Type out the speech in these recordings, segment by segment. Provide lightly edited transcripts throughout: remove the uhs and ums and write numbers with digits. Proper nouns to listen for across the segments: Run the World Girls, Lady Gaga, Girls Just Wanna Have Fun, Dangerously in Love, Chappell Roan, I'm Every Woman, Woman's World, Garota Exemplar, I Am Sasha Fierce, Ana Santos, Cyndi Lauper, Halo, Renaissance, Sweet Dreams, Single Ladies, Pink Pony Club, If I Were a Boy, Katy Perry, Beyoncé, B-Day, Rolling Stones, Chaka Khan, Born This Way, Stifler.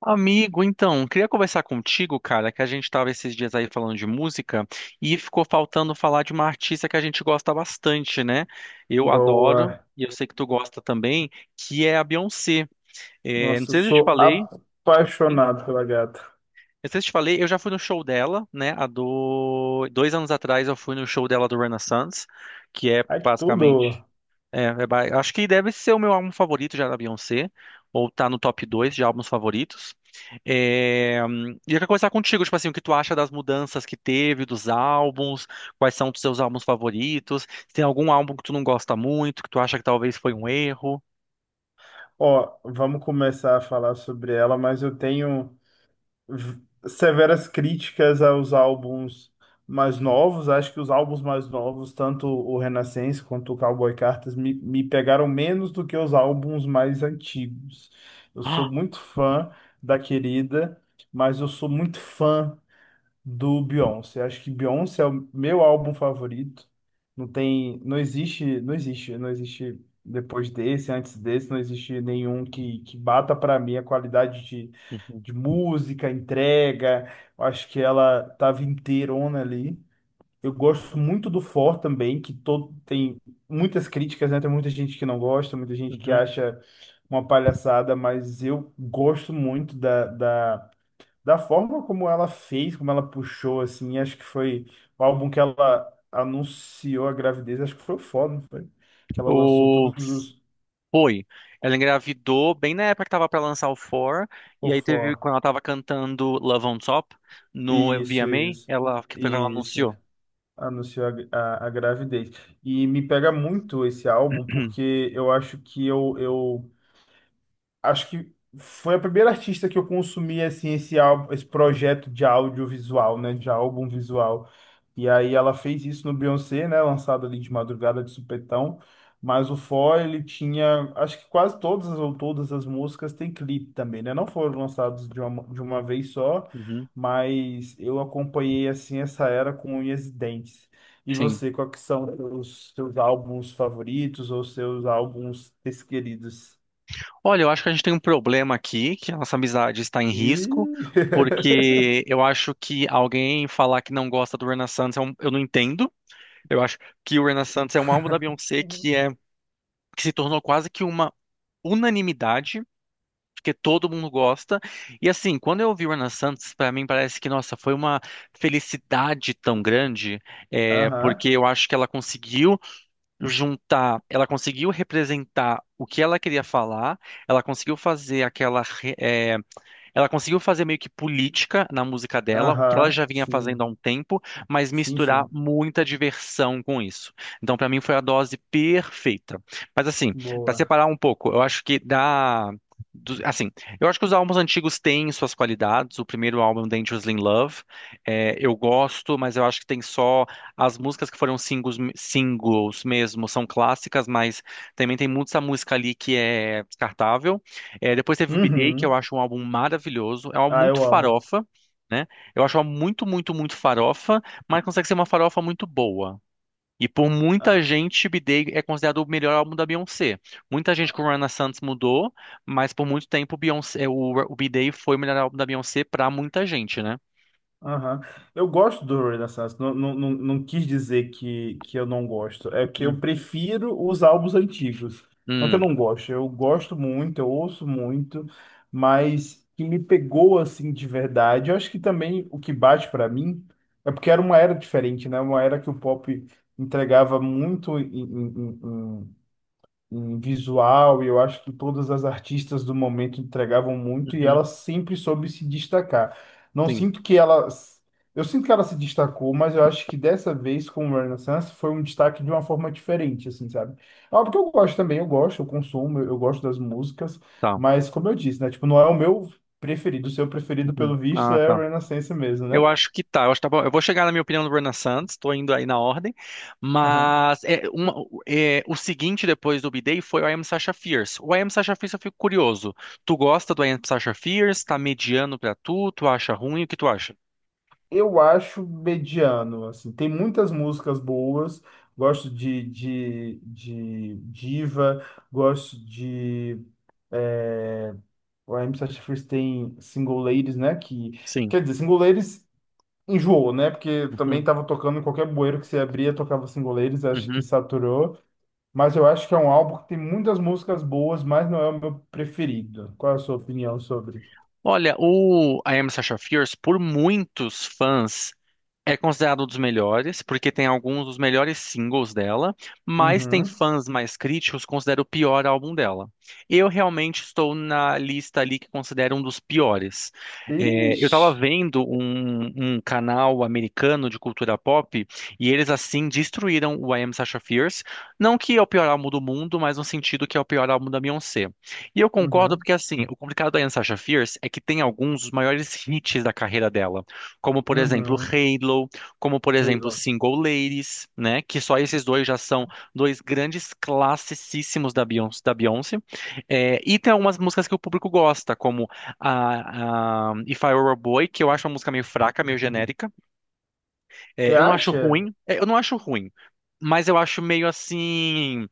Amigo, então, queria conversar contigo, cara, que a gente tava esses dias aí falando de música e ficou faltando falar de uma artista que a gente gosta bastante, né? Eu adoro, Boa. e eu sei que tu gosta também, que é a Beyoncé. Não Nossa, eu sei se eu te sou falei, sim, apaixonado pela gata. não sei se eu te falei, eu já fui no show dela, né? Há 2 anos atrás eu fui no show dela do Renaissance, que é Ai, que tudo! basicamente, acho que deve ser o meu álbum favorito já da Beyoncé, ou tá no top 2 de álbuns favoritos. E eu quero conversar contigo, tipo assim, o que tu acha das mudanças que teve, dos álbuns, quais são os teus álbuns favoritos, se tem algum álbum que tu não gosta muito, que tu acha que talvez foi um erro. Ó, vamos começar a falar sobre ela, mas eu tenho v- severas críticas aos álbuns mais novos. Acho que os álbuns mais novos, tanto o Renascença quanto o Cowboy Cartas, me pegaram menos do que os álbuns mais antigos. Eu sou muito fã da querida, mas eu sou muito fã do Beyoncé. Acho que Beyoncé é o meu álbum favorito. Não tem, não existe depois desse, antes desse, não existe nenhum que bata para mim a qualidade Ah, uhum, de música, entrega. Eu acho que ela tava inteirona ali. Eu gosto muito do For também, que todo tem muitas críticas, né? Tem muita gente que não gosta, muita gente que uhum. acha uma palhaçada, mas eu gosto muito da forma como ela fez, como ela puxou, assim, acho que foi o álbum que ela anunciou a gravidez, acho que foi o Fó, não foi? Que ela lançou O... todos os... Foi. Ela engravidou bem na época que tava pra lançar o Four, O e aí teve, Fó. quando ela tava cantando Love on Top no Isso, VMA, isso. ela, que foi quando ela Isso. anunciou. Anunciou a, a gravidez. E me pega muito esse álbum, porque eu acho que eu acho que foi a primeira artista que eu consumi assim esse álbum, esse projeto de audiovisual, né, de álbum visual. E aí ela fez isso no Beyoncé, né, lançado ali de madrugada de supetão, mas o For ele tinha, acho que quase todas ou todas as músicas têm clipe também, né? Não foram lançados de uma vez só, Uhum, mas eu acompanhei assim essa era com unhas e dentes. E sim. você, quais que são os seus álbuns favoritos ou seus álbuns preferidos? Olha, eu acho que a gente tem um problema aqui, que a nossa amizade está em E. risco, porque eu acho que alguém falar que não gosta do Renaissance, é eu não entendo. Eu acho que o Renaissance é um álbum da Beyoncé que se tornou quase que uma unanimidade porque todo mundo gosta. E assim, quando eu ouvi o Ana Santos, para mim parece que, nossa, foi uma felicidade tão grande, Aham, porque eu acho que ela conseguiu juntar, ela conseguiu representar o que ela queria falar, ela conseguiu fazer aquela ela conseguiu fazer meio que política na música dela, o que ela aham, já vinha fazendo há sim, um tempo, mas sim, misturar sim. muita diversão com isso. Então, pra mim, foi a dose perfeita. Mas, assim, pra Boa. separar um pouco, eu acho assim, eu acho que os álbuns antigos têm suas qualidades. O primeiro álbum, Dangerously in Love, eu gosto, mas eu acho que tem só as músicas que foram singles, singles mesmo, são clássicas, mas também tem muita música ali que é descartável. Depois teve o B-Day, que eu Uhum. acho um álbum maravilhoso. É um álbum Ah, muito eu amo. farofa, né? Eu acho um álbum muito, muito, muito farofa, mas consegue ser uma farofa muito boa. E por muita Ah. gente, B-Day é considerado o melhor álbum da Beyoncé. Muita gente com Rihanna Santos mudou, mas por muito tempo o Beyoncé, o B-Day foi o melhor álbum da Beyoncé pra muita gente, né? Aham. Eu gosto do Rolling Stones. Não, quis dizer que eu não gosto. É que eu Hum, prefiro os álbuns antigos. Não que eu hum, não gosto. Eu gosto muito, eu ouço muito, mas que me pegou assim de verdade. Eu acho que também o que bate pra mim é porque era uma era diferente, né? Uma era que o pop entregava muito em visual, e eu acho que todas as artistas do momento entregavam muito e uhum, ela sempre soube se destacar. Não sim, sinto que ela. Eu sinto que ela se destacou, mas eu acho que dessa vez com o Renaissance foi um destaque de uma forma diferente, assim, sabe? É óbvio que eu gosto também, eu gosto, eu consumo, eu gosto das músicas, tá. mas como eu disse, né? Tipo, não é o meu preferido. O seu preferido, Uhum. pelo visto, Ah, é tá. o Renaissance mesmo, né? Eu acho que tá. Eu acho que tá bom. Eu vou chegar na minha opinião do Bruna Santos, estou indo aí na ordem. Mas é, uma- o seguinte depois do B-Day foi o I Am Sasha Fierce. O I Am Sasha Fierce eu fico curioso. Tu gosta do I Am Sasha Fierce? Tá mediano pra tu? Tu acha ruim? O que tu acha? Eu acho mediano, assim. Tem muitas músicas boas. Gosto de Diva, gosto de... É, o AM Satisfees tem Single Ladies, né? Que, Sim. quer dizer, Single Ladies enjoou, né? Porque também Uhum, tava tocando em qualquer bueiro que você abria, tocava Single Ladies, acho que uhum. saturou. Mas eu acho que é um álbum que tem muitas músicas boas, mas não é o meu preferido. Qual é a sua opinião sobre? Olha, o I Am Sasha Fierce, por muitos fãs. É considerado um dos melhores, porque tem alguns dos melhores singles dela, mas tem Uhum. fãs mais críticos que consideram o pior álbum dela. Eu realmente estou na lista ali que considero um dos piores. Eu Ixi. estava vendo um canal americano de cultura pop e eles assim destruíram o I Am Sasha Fierce. Não que é o pior álbum do mundo, mas no sentido que é o pior álbum da Beyoncé. E eu concordo Uhum. porque assim, o complicado da I Am Sasha Fierce é que tem alguns dos maiores hits da carreira dela como por exemplo Uhum. Halo, como por exemplo Single Ladies, né? Que só esses dois já são dois grandes classicíssimos da Beyoncé. Da Beyoncé. É, e tem algumas músicas que o público gosta, como a If I Were a Boy, que eu acho uma música meio fraca, meio genérica. Você acha? Eu não acho ruim, mas eu acho meio assim.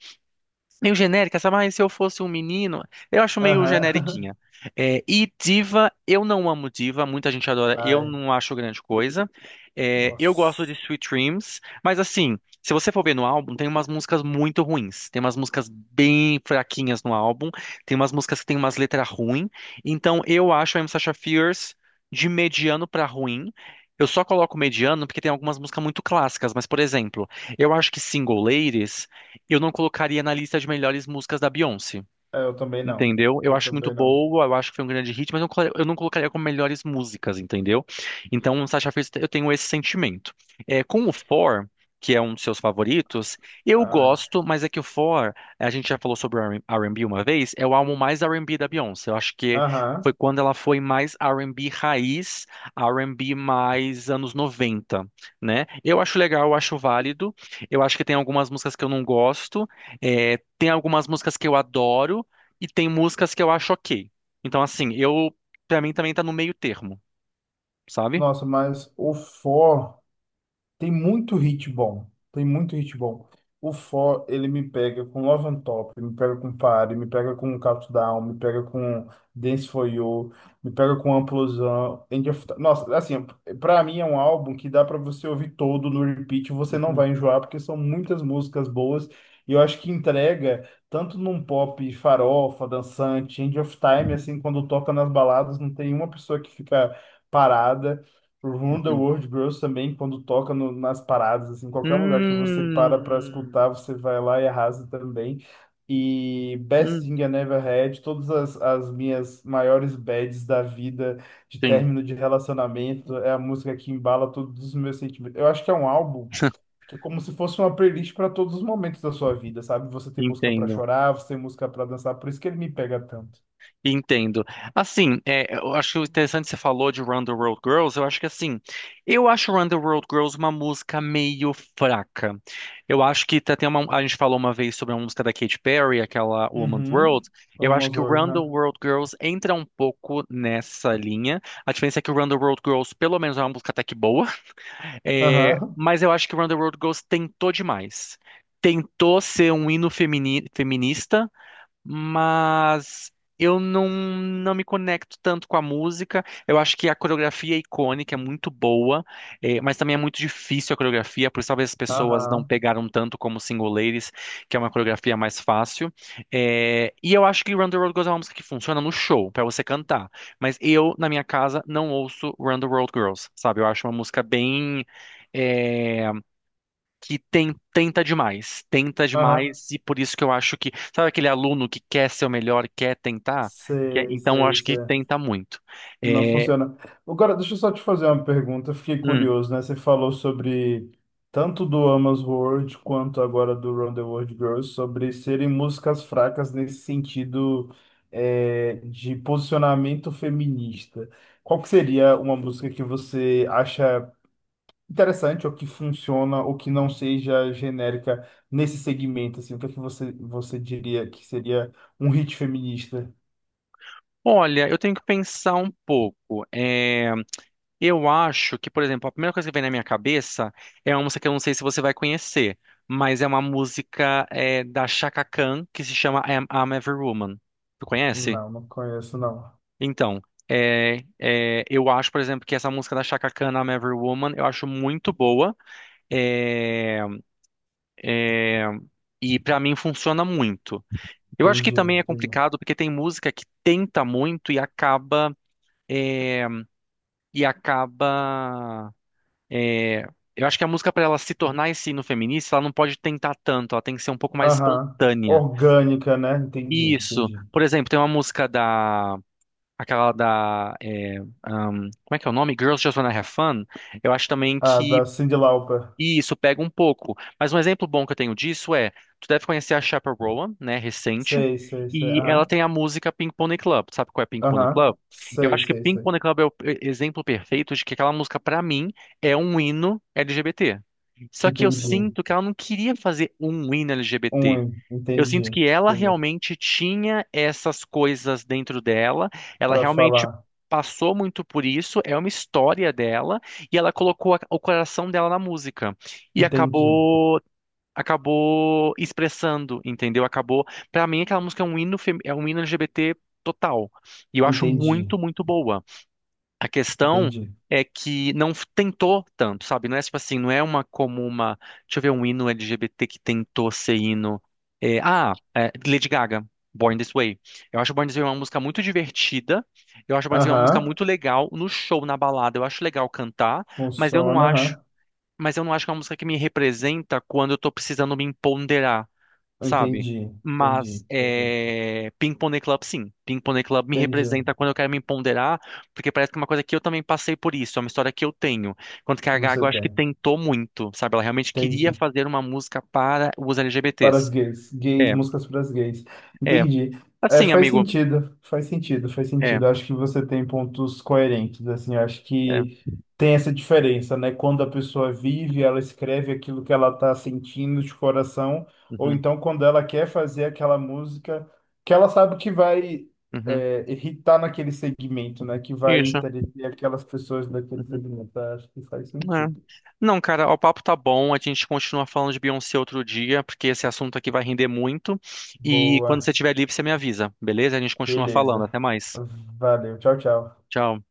Meio genérica, sabe? Mas se eu fosse um menino, eu acho meio Aham. generiquinha. E diva, eu não amo diva, muita gente adora, eu Ai, não acho grande coisa. Eu gosto de nossa. Sweet Dreams, mas assim, se você for ver no álbum, tem umas músicas muito ruins, tem umas músicas bem fraquinhas no álbum, tem umas músicas que tem umas letras ruins. Então eu acho a M. Sacha Fierce de mediano pra ruim. Eu só coloco mediano porque tem algumas músicas muito clássicas, mas por exemplo, eu acho que Single Ladies. Eu não colocaria na lista de melhores músicas da Beyoncé. É, eu também não. Entendeu? Eu Eu acho muito também não. boa, eu acho que foi um grande hit, mas eu não eu não colocaria como melhores músicas, entendeu? Então, Sasha Fierce, eu tenho esse sentimento. Com o For, que é um dos seus favoritos, eu Ai. gosto, mas é que o For, a gente já falou sobre o R&B uma vez, é o álbum mais R&B da Beyoncé. Eu acho que foi Aham. quando ela foi mais R&B raiz, R&B mais anos 90, né? Eu acho legal, eu acho válido. Eu acho que tem algumas músicas que eu não gosto, tem algumas músicas que eu adoro, e tem músicas que eu acho ok. Então, assim, pra mim também tá no meio termo, sabe? Nossa, mas o For tem muito hit bom. Tem muito hit bom. O For, ele me pega com Love on Top, me pega com Party, me pega com Countdown, me pega com Dance For You, me pega com Amplosão, End of Time. Nossa, assim, pra mim é um álbum que dá pra você ouvir todo no repeat, você não Uhum, vai enjoar, porque são muitas músicas boas, e eu acho que entrega tanto num pop farofa, dançante, End of Time, assim. Quando toca nas baladas, não tem uma pessoa que fica parada. Run the uhum. World Girls também, quando toca nas paradas, assim, qualquer lugar que você para para Hum, escutar, você vai lá e arrasa também. E Best hum, Thing I Never Had, todas as, as minhas maiores bads da vida, de sim, término de relacionamento, é a música que embala todos os meus sentimentos. Eu acho que é um álbum que é como se fosse uma playlist para todos os momentos da sua vida, sabe? Você tem música para entendo. chorar, você tem música para dançar, por isso que ele me pega tanto. Entendo. Assim, eu acho interessante que você falou de Run the World Girls. Eu acho que assim, eu acho Run the World Girls uma música meio fraca. Eu acho que tem uma, a gente falou uma vez sobre uma música da Katy Perry, aquela Woman's Uhum. World. Eu acho Almost que o World, Run the né? World Girls entra um pouco nessa linha. A diferença é que o Run the World Girls, pelo menos, é uma música até que boa. É, Aham. mas eu acho que Run the World Girls tentou demais. Tentou ser um hino feminista, mas eu não, não me conecto tanto com a música. Eu acho que a coreografia é icônica, é muito boa, mas também é muito difícil a coreografia, por isso talvez as pessoas não Aham. pegaram tanto como Single Ladies, que é uma coreografia mais fácil. E eu acho que Run the World Girls é uma música que funciona no show, pra você cantar. Mas eu, na minha casa, não ouço Run the World Girls, sabe? Eu acho uma música bem. eh, Tenta demais, tenta Aham. demais, e por isso que eu acho que, sabe aquele aluno que quer ser o melhor, quer tentar? Sei, Então eu sei, acho que sei. tenta muito. Não É, funciona. Agora, deixa eu só te fazer uma pergunta. Eu fiquei hum, curioso, né? Você falou sobre tanto do Amos World quanto agora do Round the World Girls, sobre serem músicas fracas nesse sentido, é, de posicionamento feminista. Qual que seria uma música que você acha interessante ou que funciona ou que não seja genérica nesse segmento? Assim, o que é que você, você diria que seria um hit feminista? Olha, eu tenho que pensar um pouco. Eu acho que, por exemplo, a primeira coisa que vem na minha cabeça é uma música que eu não sei se você vai conhecer, mas é uma música, da Chaka Khan que se chama I'm Every Woman. Tu conhece? Não, não conheço, não. Então, eu acho, por exemplo, que essa música da Chaka Khan, I'm Every Woman, eu acho muito boa. é, e pra mim funciona muito. Eu acho que Entendi, também é entendi. complicado porque tem música que tenta muito e é, acaba é, eu acho que a música para ela se tornar esse hino feminista, ela não pode tentar tanto, ela tem que ser um pouco mais Aham. espontânea. Orgânica, né? Entendi, Isso. entendi. Por exemplo, tem uma música da Aquela da. É, um, como é que é o nome? Girls Just Wanna Have Fun. Eu acho também Ah, que da Cyndi Lauper. isso pega um pouco. Mas um exemplo bom que eu tenho disso é: tu deve conhecer a Chappell Roan, né? Recente. Sei, sei, sei. E ela Aham. tem a música Pink Pony Club. Sabe qual é Pink Pony Aham. Club? Eu Sei, acho que sei, Pink sei. Pony Club é o exemplo perfeito de que aquela música, pra mim, é um hino LGBT. Só que eu Entendi. sinto que ela não queria fazer um hino LGBT. Um, Eu sinto entendi. que ela Entendi. realmente tinha essas coisas dentro dela, ela Para realmente falar. passou muito por isso, é uma história dela, e ela colocou o coração dela na música e Entendi. Acabou expressando, entendeu? Acabou, pra mim aquela música é um hino LGBT total. E eu acho Entendi. muito, muito boa. A questão Entendi. é que não tentou tanto, sabe? Não é tipo assim, não é uma como uma. Deixa eu ver um hino LGBT que tentou ser hino. Ah, Lady Gaga, Born This Way. Eu acho Born This Way uma música muito divertida. Eu acho Born This Way uma música Aham. muito legal no show, na balada. Eu acho legal cantar, mas eu não Funciona, acho. aham. Mas eu não acho que é uma música que me representa quando eu tô precisando me empoderar, sabe? Entendi. Mas Entendi. Entendi. é, Ping Pong Club, sim. Ping Pong Club me Entendi o representa quando eu quero me empoderar, porque parece que é uma coisa que eu também passei por isso, é uma história que eu tenho. Enquanto que a que Gaga, você eu acho que tem. tentou muito, sabe? Ela realmente queria Entendi. fazer uma música para os Para as LGBTs. gays. Gays, É, músicas para as gays. é. Entendi. É, Assim, faz amigo. sentido, faz sentido, faz É, sentido. Eu acho que você tem pontos coerentes, assim. Eu acho é. que tem essa diferença, né? Quando a pessoa vive, ela escreve aquilo que ela está sentindo de coração, ou Uhum, então quando ela quer fazer aquela música que ela sabe que vai, uhum. é, irritar naquele segmento, né? Que vai Isso. entreter aquelas pessoas daquele Uhum, segmento. Eu acho que faz é. sentido. Não, cara, o papo tá bom. A gente continua falando de Beyoncé outro dia, porque esse assunto aqui vai render muito. E quando você Boa, estiver livre, você me avisa, beleza? A gente continua falando. beleza. Até mais. Valeu, tchau, tchau. Tchau.